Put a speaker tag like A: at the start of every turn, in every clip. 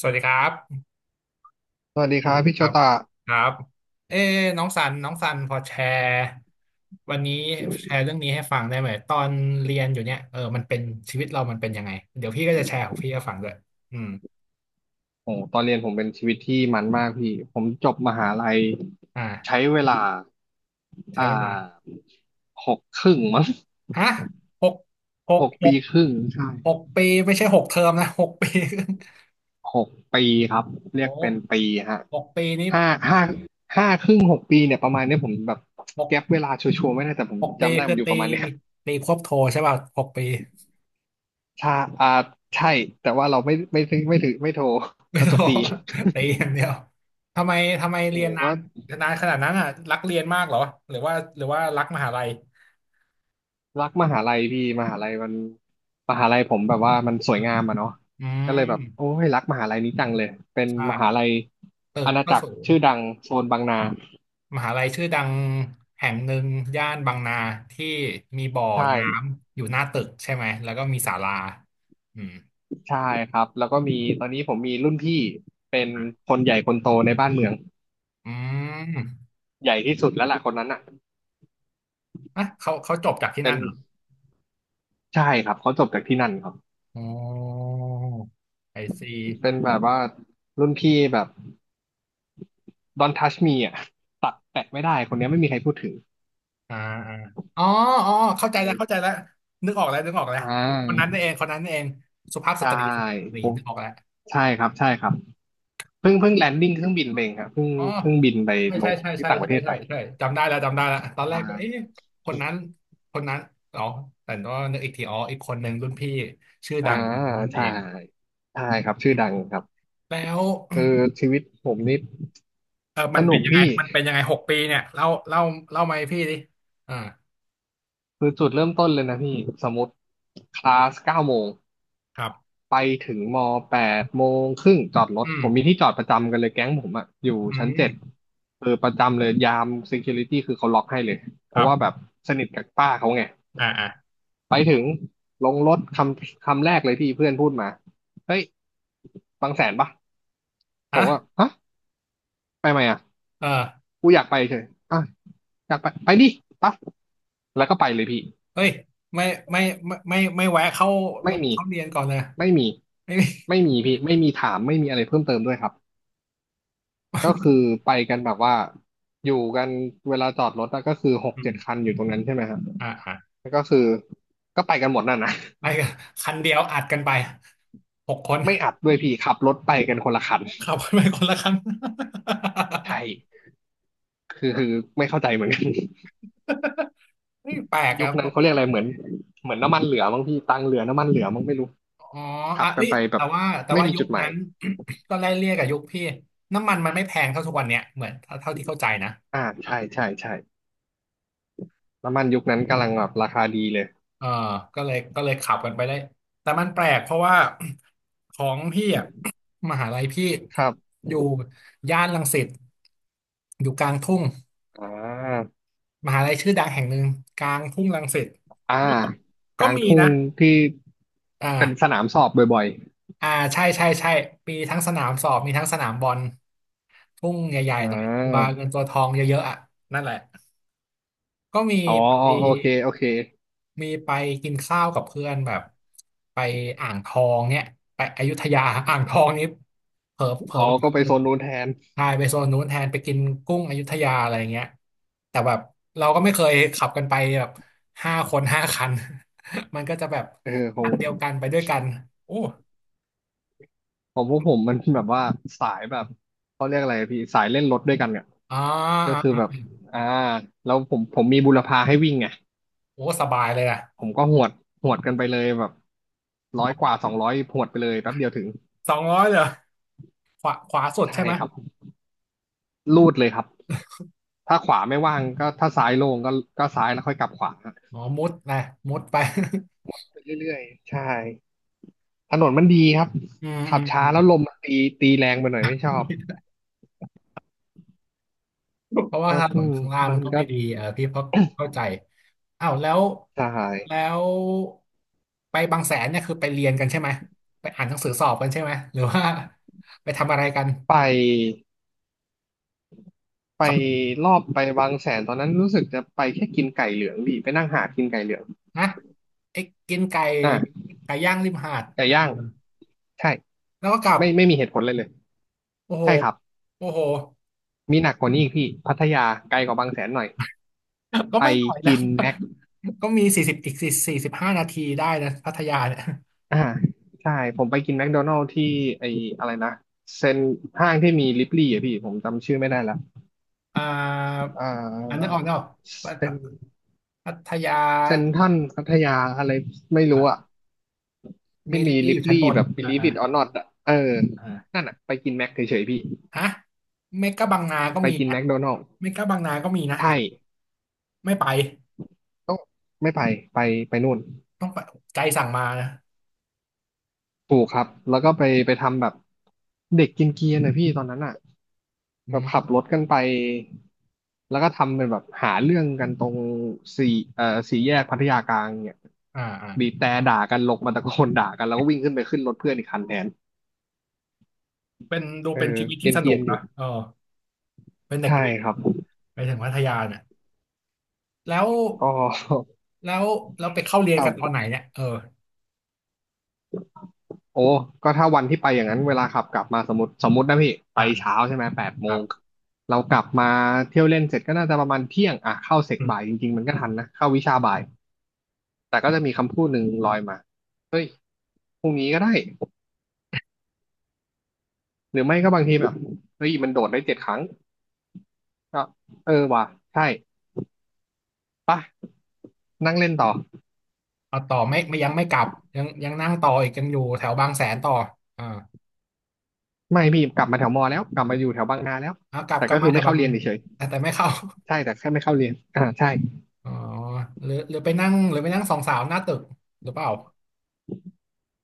A: สวัสดีครับ
B: สวัสดีครับพี่
A: ค
B: โช
A: รับ
B: ตะ
A: ครับเอ้น้องสันพอแชร์วันนี้แชร์เรื่องนี้ให้ฟังได้ไหมตอนเรียนอยู่เนี่ยเออมันเป็นชีวิตเรามันเป็นยังไงเดี๋ยวพี่ก็จะแชร์ของพี่ให้ฟังด้วยอืม
B: โอ้ตอนเรียนผมเป็นชีวิตที่มันมากพี่ ผมจบมหาลัยใช้
A: อ่า
B: เวลา
A: ใช้
B: อ่
A: เวลา
B: าหกครึ่งมั้ง
A: ฮะหกห
B: ห
A: ก
B: ก
A: ห
B: ปี
A: ก
B: ครึ่งใช่
A: หกปีไม่ใช่หกเทอมนะหกปี
B: หกปีครับ เรีย
A: โอ้
B: กเป็นปีฮะ
A: หกปีนี้
B: ห้าห้าห้าครึ่งหกปีเนี่ยประมาณเนี้ยผมแบบ
A: หก
B: แก็ปเวลาชัวร์ๆไม่ได้แต่ผม
A: หกปี
B: จำได้
A: คื
B: มั
A: อ
B: นอยู่
A: ตี
B: ประมาณเนี้ย
A: ตีควบโทใช่ป่ะหกปี
B: ชาอ่าใช่แต่ว่าเราไม่ถือไม่โทร
A: ไม่
B: เรา
A: ต้
B: จ
A: อ
B: บ
A: ง
B: ตี
A: ตีอย่างเดียวทำไมทำไม
B: โอ้
A: เรีย
B: โห
A: นนา
B: ก็
A: นนานขนาดนั้นอ่ะรักเรียนมากเหรอหรือว่ารักมหาลัย
B: รักมหาลัยพี่มหาลัยมันมหาลัยผมแบบว่ามันสวย
A: อื
B: งา
A: ม
B: มอะเนาะ
A: อื
B: ก็
A: ม
B: เลยแบบโอ้ยรักมหาลัยนี้จังเลยเป็น
A: ใช่
B: มหาลัย
A: ตึก
B: อาณา
A: ก็
B: จัก
A: สู
B: ร
A: ง
B: ชื่อดังโซนบางนา
A: มหาลัยชื่อดังแห่งหนึ่งย่านบางนาที่มีบ่อ
B: ใช่
A: น้ำอยู่หน้าตึกใช่ไหมแล้วก็มีศาลาอืม
B: ใช่ครับแล้วก็มีตอนนี้ผมมีรุ่นพี่เป็นคนใหญ่คนโตในบ้านเมือง
A: อืม
B: ใหญ่ที่สุดแล้วล่ะคนนั้นอ่ะ
A: อ่ะเขาจบจากที่
B: เป็
A: นั่
B: น
A: นเหรอ
B: ใช่ครับเขาจบจากที่นั่นครับ
A: อ๋อไอซี
B: เป็นแบบว่ารุ่นพี่แบบ Don't touch me อ่ะตัดแตะไม่ได้คนเนี้ยไม่มีใครพูดถึง
A: อ่าอ่าอ๋ออ๋อเข้าใจ
B: โอ้
A: แล้ว
B: ย
A: เข้าใจแล้วนึกออกแล้วนึกออกแล้ว
B: อ่
A: คนนั้น
B: า
A: นี่เองคนนั้นนี่เองสุภาพส
B: ใช่
A: ตรีสุภาพสตรี
B: ผม
A: นึกออกแล้ว
B: ใช่ครับใช่ครับ เพิ่งแลนดิ้งเครื่องบินไปเองครับเพิ่ง
A: อ๋อ
B: เพิ่งบินไป
A: ใช่
B: ล
A: ใช่
B: ง
A: ใช่
B: ที่
A: ใช่
B: ต่างประเท
A: ใช่
B: ศไป
A: ใช่ใช่จำได้แล้วจำได้แล้วต
B: ใช
A: อนแรกก็เอ๊ะ
B: ่
A: คนนั้นคนนั้นอ๋อแต่ก็นึกอีกทีอ๋ออีกคนหนึ่งรุ่นพี่ชื่อ
B: อ่า
A: ดังคนนั้นนั่นเอ
B: ใช่
A: ง
B: ใช่ครับชื่อดังครับ
A: แล้ว
B: เออชีวิตผมนี่
A: เออ
B: ส
A: มันเป็
B: นุ
A: น
B: ก
A: ยังไง
B: พี่
A: มันเป็นยังไงหกปีเนี่ยเล่าเล่าเล่ามาให้พี่ดิอ่า
B: คือจุดเริ่มต้นเลยนะพี่สมมติคลาส9 โมง
A: ครับ
B: ไปถึง8 โมงครึ่งจอดรถ
A: อืม
B: ผมมีที่จอดประจำกันเลยแก๊งผมอะอยู่
A: อื
B: ชั้น 7
A: ม
B: เออประจำเลยยาม security คือเขาล็อกให้เลยเพ
A: ครั
B: ราะว่าแบ
A: บ
B: บสนิทกับป้าเขาไง
A: อ่าอ่า
B: ไปถึงลงรถคำคำแรกเลยที่เพื่อนพูดมาเฮ้ยบางแสนปะผ
A: อ่ะ
B: มว่าฮะไปไหมอ่ะ
A: เออ
B: กูอยากไปเฉยอ่ะอยากไปดิปั๊บแล้วก็ไปเลยพี่
A: เฮ้ยไม่ไม่ไม่ไม่ไม่แวะเข้า
B: ไม่มี
A: เขาเรียนก่อนเลย
B: ไม่มี
A: ไม่มี
B: ไม่มีพี่ไม่มีถามไม่มีอะไรเพิ่มเติมด้วยครับก็คือไปกันแบบว่าอยู่กันเวลาจอดรถอะก็คือหก
A: อื
B: เจ็
A: ม
B: ดคันอยู่ตรงนั้นใช่ไหมครับ
A: อ่าอ่า
B: ก็คือก็ไปกันหมดนั่นนะ
A: ไปกันคันเดียวอัดกันไปหกคน
B: ไม่อัดด้วยพี่ขับรถไปกันคนละคัน
A: ขับกันไปคนละคัน
B: ใช่คือไม่เข้าใจเหมือนกัน
A: ้ แปลก
B: ยุ
A: อะ
B: คนั้นเขาเรียกอะไรเหมือนน้ำมันเหลือมั้งพี่ตังค์เหลือน้ำมันเหลือมั้งไม่รู้
A: อ๋อ
B: ขั
A: อ่ะ
B: บกั
A: เอ้
B: น
A: ย
B: ไปแบ
A: แต่
B: บ
A: ว่าแต่
B: ไม่
A: ว่า
B: มี
A: ยุ
B: จุ
A: ค
B: ดหมา
A: นั้
B: ย
A: น ก็ไล่เลี่ยกับยุคพี่น้ำมันมันไม่แพงเท่าทุกวันเนี้ยเหมือนเท่าที่เข้าใจนะ
B: ใช่ใช่ใช่น้ำมันยุคนั้นกำลังแบบราคาดีเลย
A: เออก็เลยขับกันไปได้แต่มันแปลกเพราะว่า ของพี่อ่ะ มหาลัยพี่
B: ครับ
A: อยู่ย่านรังสิตอยู่กลางทุ่ง
B: อ่า
A: มหาลัยชื่อดังแห่งหนึ่งกลางทุ่งรังสิต
B: อ่า
A: ก็
B: ก
A: ก็
B: ลาง
A: มี
B: ทุ่
A: นะ
B: งที่
A: อ
B: เป็นส
A: ่า
B: นามสอบบ่อย
A: อ่าใช่ใช่ใช่มีทั้งสนามสอบมีทั้งสนามบอลทุ่งใหญ่
B: ๆ
A: ๆหน่อยตัวเงินตัวทองเยอะๆอ่ะนั่นแหละ ก็มี
B: อ๋อ
A: ไป
B: โอเคโอเค
A: มีไปกินข้าวกับเพื่อนแบบไปอ่างทองเนี่ยไปอยุธยา อ่างทองนี้เผลอเผลอ
B: อ๋อ
A: ไปนิ
B: ก็
A: ด
B: ไป
A: นึ
B: โซ
A: ง
B: นนู้นแทน
A: ใช่ไปโซนนู้นแทนไปกินกุ้งอยุธยาอะไรเงี้ยแต่แบบเราก็ไม่เคยขับกันไปแบบห้าคนห้าคัน มันก็จะแบบ
B: เออขอ
A: อั
B: ง
A: นเดียวกันไปด้วยกันโอ้
B: ของพวกผมมันแบบว่าสายแบบเขาเรียกอะไรพี่สายเล่นรถด้วยกันอ่ะ
A: อ่า
B: ก็
A: อ่า
B: คือแบบ
A: อ่า
B: อ่าแล้วผมมีบุรพาให้วิ่งไง
A: โอ้สบายเลยอะ
B: ผมก็หวดหวดกันไปเลยแบบร้
A: ส
B: อย
A: อ
B: กว่า
A: ง
B: สองร้อยหวดไปเลยแป๊บเดียวถึง
A: สองร้อยเยเหรอขวาสุด
B: ใช่
A: ใช่ไหมย
B: ครับลูดเลยครับถ้าขวาไม่ว่างก็ถ้าซ้ายโล่งก็ซ้ายแล้วค่อยกลับขวา
A: อ๋อมุดนะมุดไป
B: ไปเรื่อยๆใช่ถนนมันดีครับ
A: อืมอ
B: ขับช้า
A: ืม
B: แล้วลมมันตีแรงไปหน่อยไม่ชอบ
A: เพราะว่า
B: ก็
A: ถน
B: อื
A: น
B: ม
A: ข้างล่าง
B: มั
A: มั
B: น
A: นก็
B: ก็
A: ไม่ดีเออพี่เพราะเข้าใจอ้าวแล้ว
B: ใช่
A: แล้วไปบางแสนเนี่ยคือไปเรียนกันใช่ไหมไปอ่านหนังสือสอบกันใช่ไหมหรือว่า ไปทำอะไรกัน
B: ไปไป
A: ขับรถ
B: รอบไปบางแสนตอนนั้นรู้สึกจะไปแค่กินไก่เหลืองดิไปนั่งหากินไก่เหลือง
A: นะไอ้กินไก่
B: อ่า
A: ไก่ย่างริมหาด
B: ไก่
A: แล้ว
B: ย่าง
A: เดิน
B: ใช่
A: แล้วก็กลับ
B: ไม่ไม่มีเหตุผลเลยเลย
A: โอ้โห
B: ใช่ครับ
A: โอ้โห
B: มีหนักกว่านี้อีกพี่พัทยาไกลกว่าบางแสนหน่อย
A: ก็
B: ไป
A: ไม่หน่อย
B: กิ
A: นะ
B: นแม็ก
A: ก็มีสี่สิบอีกสี่สิบห้านาทีได้นะพัทยาเนี่ย
B: อ่าใช่ผมไปกินแมคโดนัลด์ที่ไออะไรนะเซ็นห้างที่มีลิปลี่อ่ะพี่ผมจำชื่อไม่ได้ละ
A: อ่า
B: อ่า
A: อันนึกออกเนาะ
B: เซ็น
A: พัทยา
B: เซนทรัลพัทยาอะไรไม่รู้อ่ะ
A: เมี
B: ที่
A: ลิ
B: มี
A: ลลี่
B: ลิ
A: อ
B: ป
A: ยู่ชั้นบ
B: ลี่
A: น
B: แบบ
A: อ่า
B: Believe
A: อ่า
B: it or not อ่ะเออ
A: อ่า
B: นั่นอ่ะไปกินแม็กเฉยๆพี่
A: ฮะเมกะบางนาก็
B: ไป
A: มี
B: กิน
A: นะ
B: แมคโดนัลด์
A: เมกะบางนา ก็มีนะ
B: ใช่
A: ไม่ไป
B: ต้องไม่ไปไปไปนู่น
A: ต้องไปใจสั่งมานะ
B: ถูกค
A: โอ้
B: รับแล้วก็ไปทำแบบเด็กกินเกียร์หน่อยพี่ตอนนั้นอ่ะ
A: อื
B: แบบขับร
A: ม
B: ถกันไป แล้วก็ทำเป็นแบบหาเรื่องกันตรงสี่เอ่อสี่แยกพัทยากลางเนี่ย
A: อ่าอ่า
B: บีบแตรด่ากันลงมาตะโกนด่ากันแล้วก็วิ่งขึ้นไปขึ้นรถเพื่อนอีกคันแทน
A: เป็นดู
B: เอ
A: เป็น
B: อ
A: ชีวิต
B: เก
A: ที่สนุ
B: รีย
A: ก
B: นๆอ
A: นะ
B: ยู่
A: เออเป็นเด็ก
B: ใช่
A: เรียน
B: ครับ
A: ไปถึงพัทยาเนี่ยแล้ว
B: ก็
A: แล้วแล้วไปเข้าเรียน
B: ก
A: กันตอนไหน
B: ็
A: เนี่ยเออ
B: โอ้ก็ถ้าวันที่ไปอย่างนั้นเวลาขับกลับมาสมมตินะพี่ไป
A: อ่า
B: เช้าใช่ไหมแปด
A: ค
B: โม
A: รั
B: ง
A: บ
B: เรากลับมาเที่ยวเล่นเสร็จก็น่าจะประมาณเที่ยงอ่ะเข้าเสก
A: อืม
B: บ่ายจริงๆมันก็ทันนะเข้าวิชาบ่าย แต่ก็จะมีคำพูดหนึ่งลอยมาเฮ้ยพรุ่งนี้ก็ได้ หรือไม่ก็บางทีแบบเฮ้ยมันโดดได้เจ็ดครั้งก็เออว่ะใช่ปะนั่งเล่นต่อ
A: เอาต่อไม่ไม่ยังไม่กลับ ยังยังนั่งต่ออีกยังอยู่แถวบางแสนต่ออ่า
B: ไม่พี่กลับมาแถวมอแล้วกลับมาอยู่แถวบางนาแล้ว
A: เอากลับ
B: แต่
A: กลั
B: ก็
A: บมา
B: คือ
A: แถ
B: ไม่
A: วบา
B: เข้า
A: งแส
B: เรียน
A: นา
B: เฉย
A: แต่แต่ไม่เข้า
B: ๆใช่แต่แค่ไม่เข้าเรียนอ่าใช่
A: อ๋อหรือหรือไปนั่งหรือไปนั่งสองสาวหน้าตึกหรือเปล่า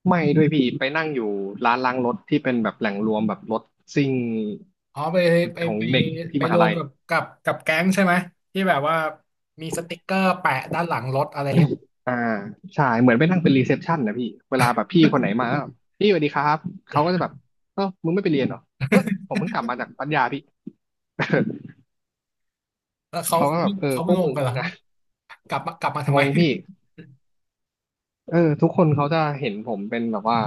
B: ไม่ด้วยพี่ไปนั่งอยู่ร้านล้างรถที่เป็นแบบแหล่งรวมแบบรถซิ่ง
A: อ๋อไปไป
B: ของ
A: ไป
B: เด็กที่
A: ไป
B: ม
A: ร
B: หา
A: วม
B: ลัย
A: กับแก๊งใช่ไหมที่แบบว่ามีสติกเกอร์แปะด้านหลังรถอะไรอย่างเงี้ย
B: อ่าใช่เหมือนไปนั่งเป็นรีเซพชันนะพี่เวลาแบบพี่คนไหนมาก็พี่สวัสดีครับเขาก็จะแบบเออมึงไม่ไปเรียนเหรอเฮ้ยผมเพิ่งกลับมาจากปัญญาพี่
A: แล้วเขา
B: เขาก็แบบเออ
A: เขา
B: พ
A: ไม่
B: วก
A: งง
B: มึง
A: กันเหร
B: นี่
A: อ
B: นะ
A: กลับมากลับมาทำ
B: ง
A: ไม
B: งพี่ เออทุกคนเขาจะเห็นผมเป็นแบบว่า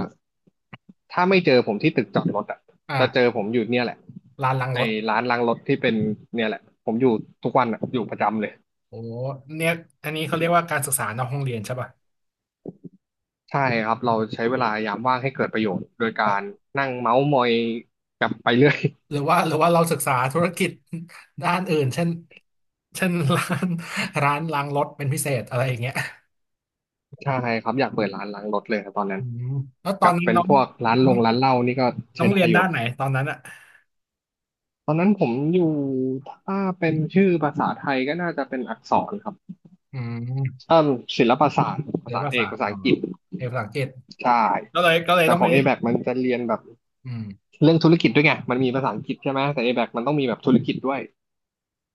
B: ถ้าไม่เจอผมที่ตึกจอดรถอ่ะจะเจอ
A: อ่า
B: ผมอยู่เนี่ยแหละ
A: ลานหลังร
B: ไอ้
A: ถ
B: ร้านล้างรถที่เป็นเนี่ยแหละผมอยู่ทุกวันอะอยู่ประจำเลย
A: โอ้เนี่ยอันนี้เขาเรียกว่าการศึกษานอกห้องเรียนใช่ป่ะ
B: ใช่ครับเราใช้เวลายามว่างให้เกิดประโยชน์โดยกา
A: ไป
B: รนั่งเมาส์มอยกับไปเรื่อย
A: หรือว่าเราศึกษาธุรกิจ ด้านอื่นเช่นร้าน ร้านล้างรถเป็นพิเศษอะไรอย่างเงี้ย
B: ใช่ครับอยากเปิดร้านล้างรถเลยครับตอนนั้
A: อื
B: น
A: มแล้วตอ
B: กั
A: น
B: บ
A: นี้
B: เป็น
A: น้อง
B: พวกร้านลงร้านเหล้านี่ก็
A: น้
B: ใช้
A: องเรี
B: ได้
A: ยน
B: อยู่
A: ด้านไหนตอนนั้นอ่ะ
B: ตอนนั้นผมอยู่ถ้าเป็นชื่อภาษาไทยก็น่าจะเป็นอักษรครับ
A: อืม
B: เอ่มศิลปศาสตร์
A: เรี
B: ภา
A: ยน
B: ษา
A: ภา
B: เอ
A: ษา
B: กภาษา
A: อ๋อ
B: อังกฤษ
A: เรียนภาษาอังกฤษ
B: ใช่
A: ก็เลย
B: แต่
A: ต้อง
B: ข
A: ไป
B: อง a b a คมันจะเรียนแบบ
A: อืม
B: เรื่องธุรกิจด้วยไงมันมีภาษาอังกฤษใช่ไหมแต่ a b a คมันต้องมีแบบธุรกิจด้วย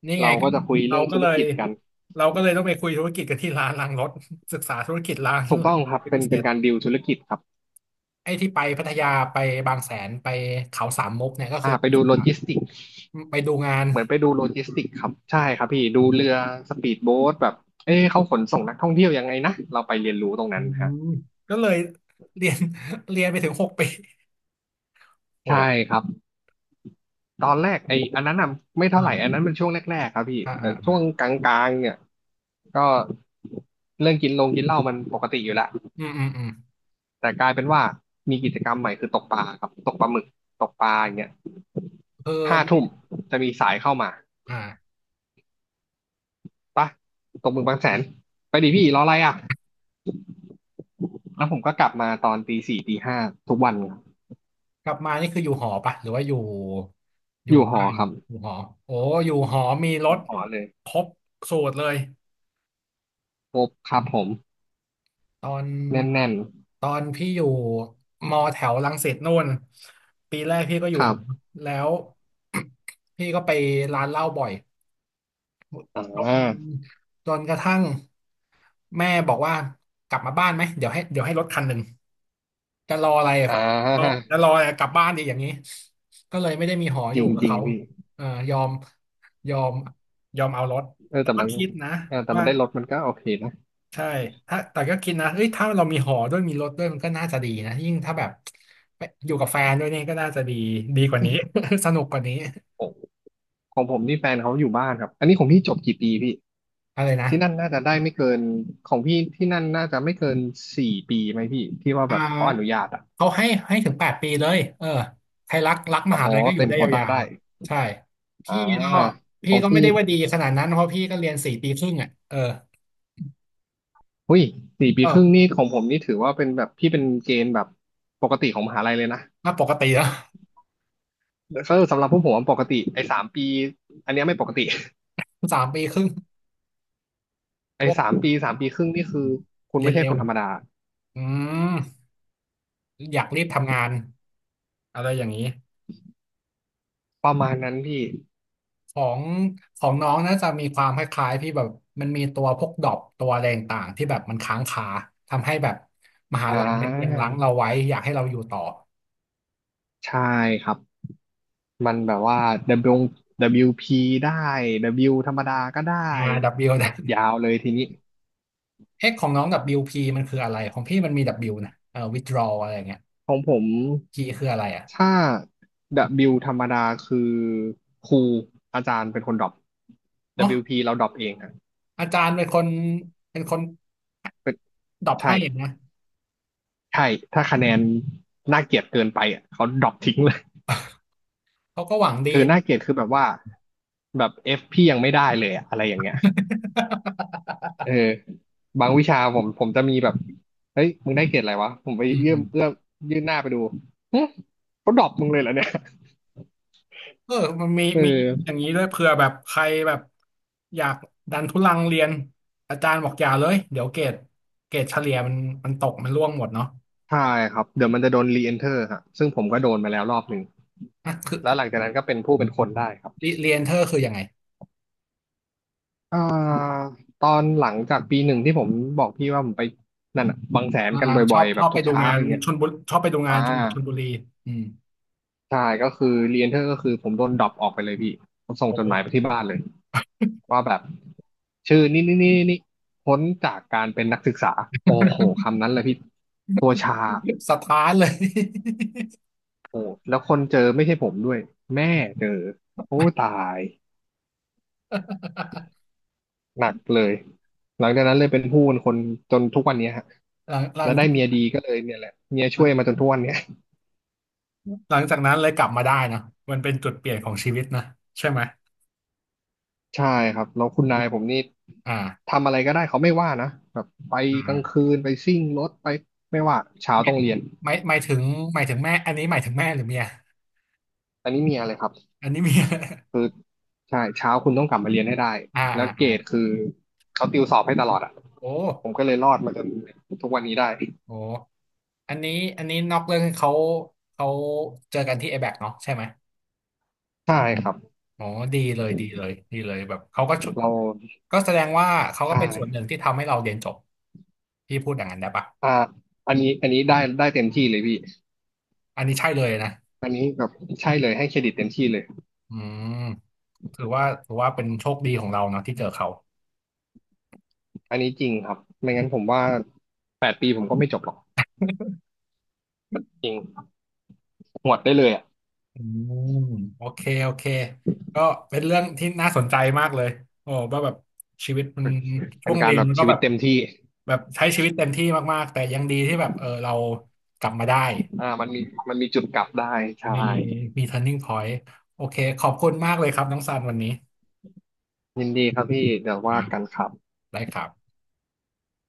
A: นี่ไง
B: เรา
A: ก็
B: ก็จะคุย
A: เรา
B: เรื่อง
A: ก็
B: ธุร
A: เลย
B: กิจกัน
A: เราก็เลยต้องไปคุยธุรกิจกับที่ร้านล้างรถ ศึกษาธุรกิจร้าน
B: ถูกต้องครั บ
A: เป็น
B: เป็
A: พิ
B: น
A: เศ
B: เป็น
A: ษ
B: การดีลธุรกิจครับ
A: ไอ้ที่ไปพัทยาไปบางแสนไปเขาสามมุกเนี่ยก็คื
B: อ่า
A: อ
B: ไป
A: ไป
B: ดู
A: ศึก
B: โล
A: ษา
B: จิสติก
A: ไปดูงาน
B: เหมือนไปดูโลจิสติกครับใช่ครับพี่ดูเรือสปีดโบ๊ทแบบเอ๊ะเขาขนส่งนักท่องเที่ยวยังไงนะเราไปเรียนรู้ตรง
A: อื
B: นั้นฮะ
A: มก็เลยเรียนเรียนไปถึงหกปีโอ้
B: ใช่ครับ ตอนแรกไอ้อันนั้นน่ะไม่เท่าไหร่อัน
A: อ่า
B: นั้นมันช่วงแรกๆครับพี่
A: อ่า
B: แต่
A: อ่า
B: ช่วงกลางๆเนี่ยก็เรื่องกินลงกินเหล้ามันปกติอยู่แล้ว
A: อืมอืมอืม
B: แต่กลายเป็นว่ามีกิจกรรมใหม่คือตกปลาครับตกปลาหมึกตกปลาอย่างเงี้ย
A: เออ
B: ห้า
A: ไม่
B: ทุ่มจะมีสายเข้ามา
A: อ่า
B: ปะตกหมึกบางแสนไปดิพี่รออะไรอ่ะแล้วผมก็กลับมาตอนตีสี่ตีห้าทุกวันครับ
A: กลับมานี่คืออยู่หอปะหรือว่าอยู่อ
B: อ
A: ยู่
B: ยู่หอ
A: บ้าน
B: ครับ
A: อยู่หอโอ้อยู่หอมีรถ
B: หอเลย
A: ครบสูตรเลย
B: ครบครับผม
A: ตอน
B: แน่น
A: ตอนพี่อยู่มอแถวรังสิตนู่นปีแรกพี่ก็อ
B: ๆ
A: ยู่
B: ครั
A: หอ
B: บ
A: แล้ว พี่ก็ไปร้านเหล้าบ่อย
B: อ
A: จน
B: ่า
A: จนกระทั่งแม่บอกว่ากลับมาบ้านไหมเดี๋ยวให้รถคันหนึ่ง จะรออะไร
B: อ่
A: ก็
B: า
A: จะรออะไรกลับบ้านดีอย่างนี้ก็เลยไม่ได้มีหออ
B: จริ
A: ยู่
B: ง
A: กับ
B: จริง
A: เขา
B: พี่
A: เออยอมยอมยอมเอารถ
B: เออ
A: แต่
B: แต่
A: ก็
B: มัน
A: คิดนะ
B: เออแต่มั
A: ว่า
B: นได้รถมันก็โอเคนะ
A: ใช่ถ้าแต่ก็คิดนะเอ้ยถ้าเรามีหอด้วยมีรถด้วยมันก็น่าจะดีนะยิ่งถ้าแบบไปอยู่กับแฟนด้วยนี่ก็น่าจะดีดีกว่านี้ สนุกกว่านี้
B: ของของผมนี่แฟนเขาอยู่บ้านครับอันนี้ของพี่จบกี่ปีพี่
A: อะไรนะ
B: ที่นั่นน่าจะได้ไม่เกินของพี่ที่นั่นน่าจะไม่เกินสี่ปีไหมพี่ที่ว่า
A: อ่
B: แบบเขาอนุญา
A: า
B: ตอ่ะ
A: เขาให้ถึงแปดปีเลยเออใครรักม
B: อ๋อ
A: หาลัยก็อยู่
B: เต็ม
A: ได้
B: โควต้า
A: ยาว
B: ได้
A: ๆใช่
B: อ่า
A: พี่ก็
B: ข
A: พี่
B: อง
A: ก็ไม่
B: พี่
A: ได้ว่าดีขนาดนั้นเพราะพี่ก็เรียนสี่ปีครึ่งอ่ะเออ
B: หุ้ยสี่ปีครึ่ง
A: เออ
B: นี่ของผมนี่ถือว่าเป็นแบบพี่เป็นเกณฑ์แบบปกติของมหาลัยเลยนะ
A: น่าปกติแล้ว
B: ก็สำหรับพวกผมอะปกติไอ้สามปีอันเนี้ยไม่ปกติ
A: สามปีครึ่ง พว
B: ไอ้
A: ก
B: สามปีสามปีครึ่งนี่คือคุณ
A: เรีย
B: ไม่
A: น
B: ใช่
A: เร็
B: ค
A: ว
B: นธรรมดา
A: อืมอยากรีบทำงานอะไรอย่างนี้
B: ประมาณนั้นพี่
A: ของของน้องน่าจะมีความคล้ายๆพี่แบบมันมีตัวพวกดรอปตัวอะไรต่างๆที่แบบมันค้างคาทำให้แบบมหา
B: อ่
A: ลัยยังรั้งเรา
B: า
A: ไว้อยากให้เราอยู่ต่อ
B: ใช่ครับมันแบบว่า W WP ได้ W ธรรมดาก็ได้
A: อา W
B: ก
A: นะ
B: ดยาวเลยทีนี้
A: เอ็กของน้อง WP มันคืออะไรของพี่มันมี W นะwithdraw อะไรอย่างเงี้ย
B: ของผม
A: G คืออะไรอ่ะ
B: ถ้า W ธรรมดาคือครูอาจารย์เป็นคนดรอป
A: อ๋อ
B: WP เบิลยูพีเราดรอปเองอ่ะ
A: อาจารย์เป็นคน
B: เป็น
A: ดรอป
B: ใช่
A: ให้นะ
B: ใช่ถ้าคะแนนน่าเกลียดเกินไปอ่ะเขาดรอปทิ้งเลย
A: เขาก็หวังดี
B: คือ
A: นะ
B: น่าเกลียดคือแบบว่าแบบ F พี่ยังไม่ได้เลยอะอะไรอย่างเงี้ย เออบางวิชาผมจะมีแบบเฮ้ยมึงได้เกรดอะไรวะผมไป
A: อืม
B: เอื้อ
A: อื
B: ม
A: ม
B: เอื้อมยื่นหน้าไปดูเฮ้ยเขาดรอปมึงเลยเหรอเนี่ย
A: เออมันมี
B: เอ
A: มีอย่าง
B: อ
A: นี้ด้วยเผื่อแบบใครแบบอยากดันทุลังเรียนอาจารย์บอกอย่าเลยเดี๋ยวเกรดเฉลี่ยมันมันตกมันร่วงหมดเนาะ
B: ใช่ครับเดี๋ยวมันจะโดนรีเอนเทอร์ฮะซึ่งผมก็โดนมาแล้วรอบหนึ่ง
A: อ่ะคือ
B: แล้วหลังจากนั้นก็เป็นผู้เป็นคนได้ครับ
A: เรียนเธอคือยังไง
B: อ่าตอนหลังจากปีหนึ่งที่ผมบอกพี่ว่าผมไปนั่นอ่ะบางแสน
A: อ่า
B: กัน
A: ช
B: บ่
A: อ
B: อย
A: บ
B: ๆ
A: ช
B: แบ
A: อ
B: บ
A: บไป
B: ทุก
A: ดู
B: เช้า
A: งาน
B: อย่างเงี้ย
A: ชลบุรีชอบไปดูงา
B: อ่า
A: นจังหวัดชลบุรีอืม
B: ใช่ก็คือรีเอนเทอร์ก็คือผมโดนดรอปออกไปเลยพี่ผมส่งจดหมายไป
A: โอ้
B: ที่บ้านเลยว่าแบบชื่อนี่นี่นี่นี่พ้นจากการเป็นนักศึกษาโอ้โหคำนั้นเลยพี่ตัวชา
A: สถานเลย
B: โอ้แล้วคนเจอไม่ใช่ผมด้วยแม่เจอโอ้ตาย หนักเลยหลังจากนั้นเลยเป็นผู้เป็นคนจนทุกวันเนี้ยฮะ
A: หลังหลั
B: แล้
A: ง
B: วได้เมียดีก็เลยเนี่ยแหละเมียช่วยมาจนทุกวันเนี้ย
A: หลังจากนั้นเลยกลับมาได้เนอะมันเป็นจุดเปลี่ยนของชีวิตนะใช่ไหม
B: ใช่ครับแล้วคุณนายผมนี่
A: อ่า
B: ทำอะไรก็ได้เขาไม่ว่านะแบบไป
A: อ่า
B: กลางคืนไปซิ่งรถไปไม่ว่าเช้า
A: ไม่
B: ต้องเรียน
A: ไม่หมายถึงหมายถึงแม่อันนี้หมายถึงแม่หรือเมีย
B: อันนี้มีอะไรครับ
A: อันนี้เมีย
B: คือใช่เช้าคุณต้องกลับมาเรียนให้ได้
A: อ่า
B: แล้
A: อ่า
B: วเกรด
A: อ่า
B: คือเขาติวสอบให้ตลอดอ่ะ
A: โอ้
B: ผมก็เลยรอดมาจนทุกวันนี้ได้
A: โหอันนี้อันนี้นอกเรื่องเขาเขาเจอกันที่ a อแบกเนาะใช่ไหม
B: ใช่ครับ
A: อ๋อดีเลยดีเลยดีเลยแบบเขาก็ชุ
B: เรา
A: ก็แสดงว่าเขาก็
B: ใช่
A: เป็นส่วนหนึ่งที่ทำให้เราเรียนจบพี่พูดอย่างนั้นได้ปะ
B: อ่าอันนี้ได้ได้เต็มที่เลยพี่
A: อันนี้ใช่เลยนะ
B: อันนี้แบบใช่เลยให้เครดิตเต็มที่เลย
A: อืมถือว่าเป็นโชคดีของเราเนาะที่เจอเขา
B: อันนี้จริงครับไม่งั้นผมว่าแปดปีผมก็ไม่จบหรอกจริงหมดได้เลยอ่ะ
A: อืมโอเคโอเคก็เป็นเรื่องที่น่าสนใจมากเลยโอ้ว่าแบบชีวิตมันช่
B: เป็
A: ว
B: น
A: ง
B: กา
A: เรี
B: ร
A: ยน
B: แบบ
A: มันก็
B: ชี
A: แบ
B: วิต
A: บ
B: เต็มที่
A: แบบใช้ชีวิตเต็มที่มากๆแต่ยังดีที่แบบเออเรากลับมาได้
B: อ่ามันมีจุดกลับได้ใช่
A: มีมี turning point โอเคขอบคุณมากเลยครับน้องซันวันนี้
B: ยินดีครับพี่เดี๋ยวว่า
A: นะ
B: กันครับ
A: ได้ครับ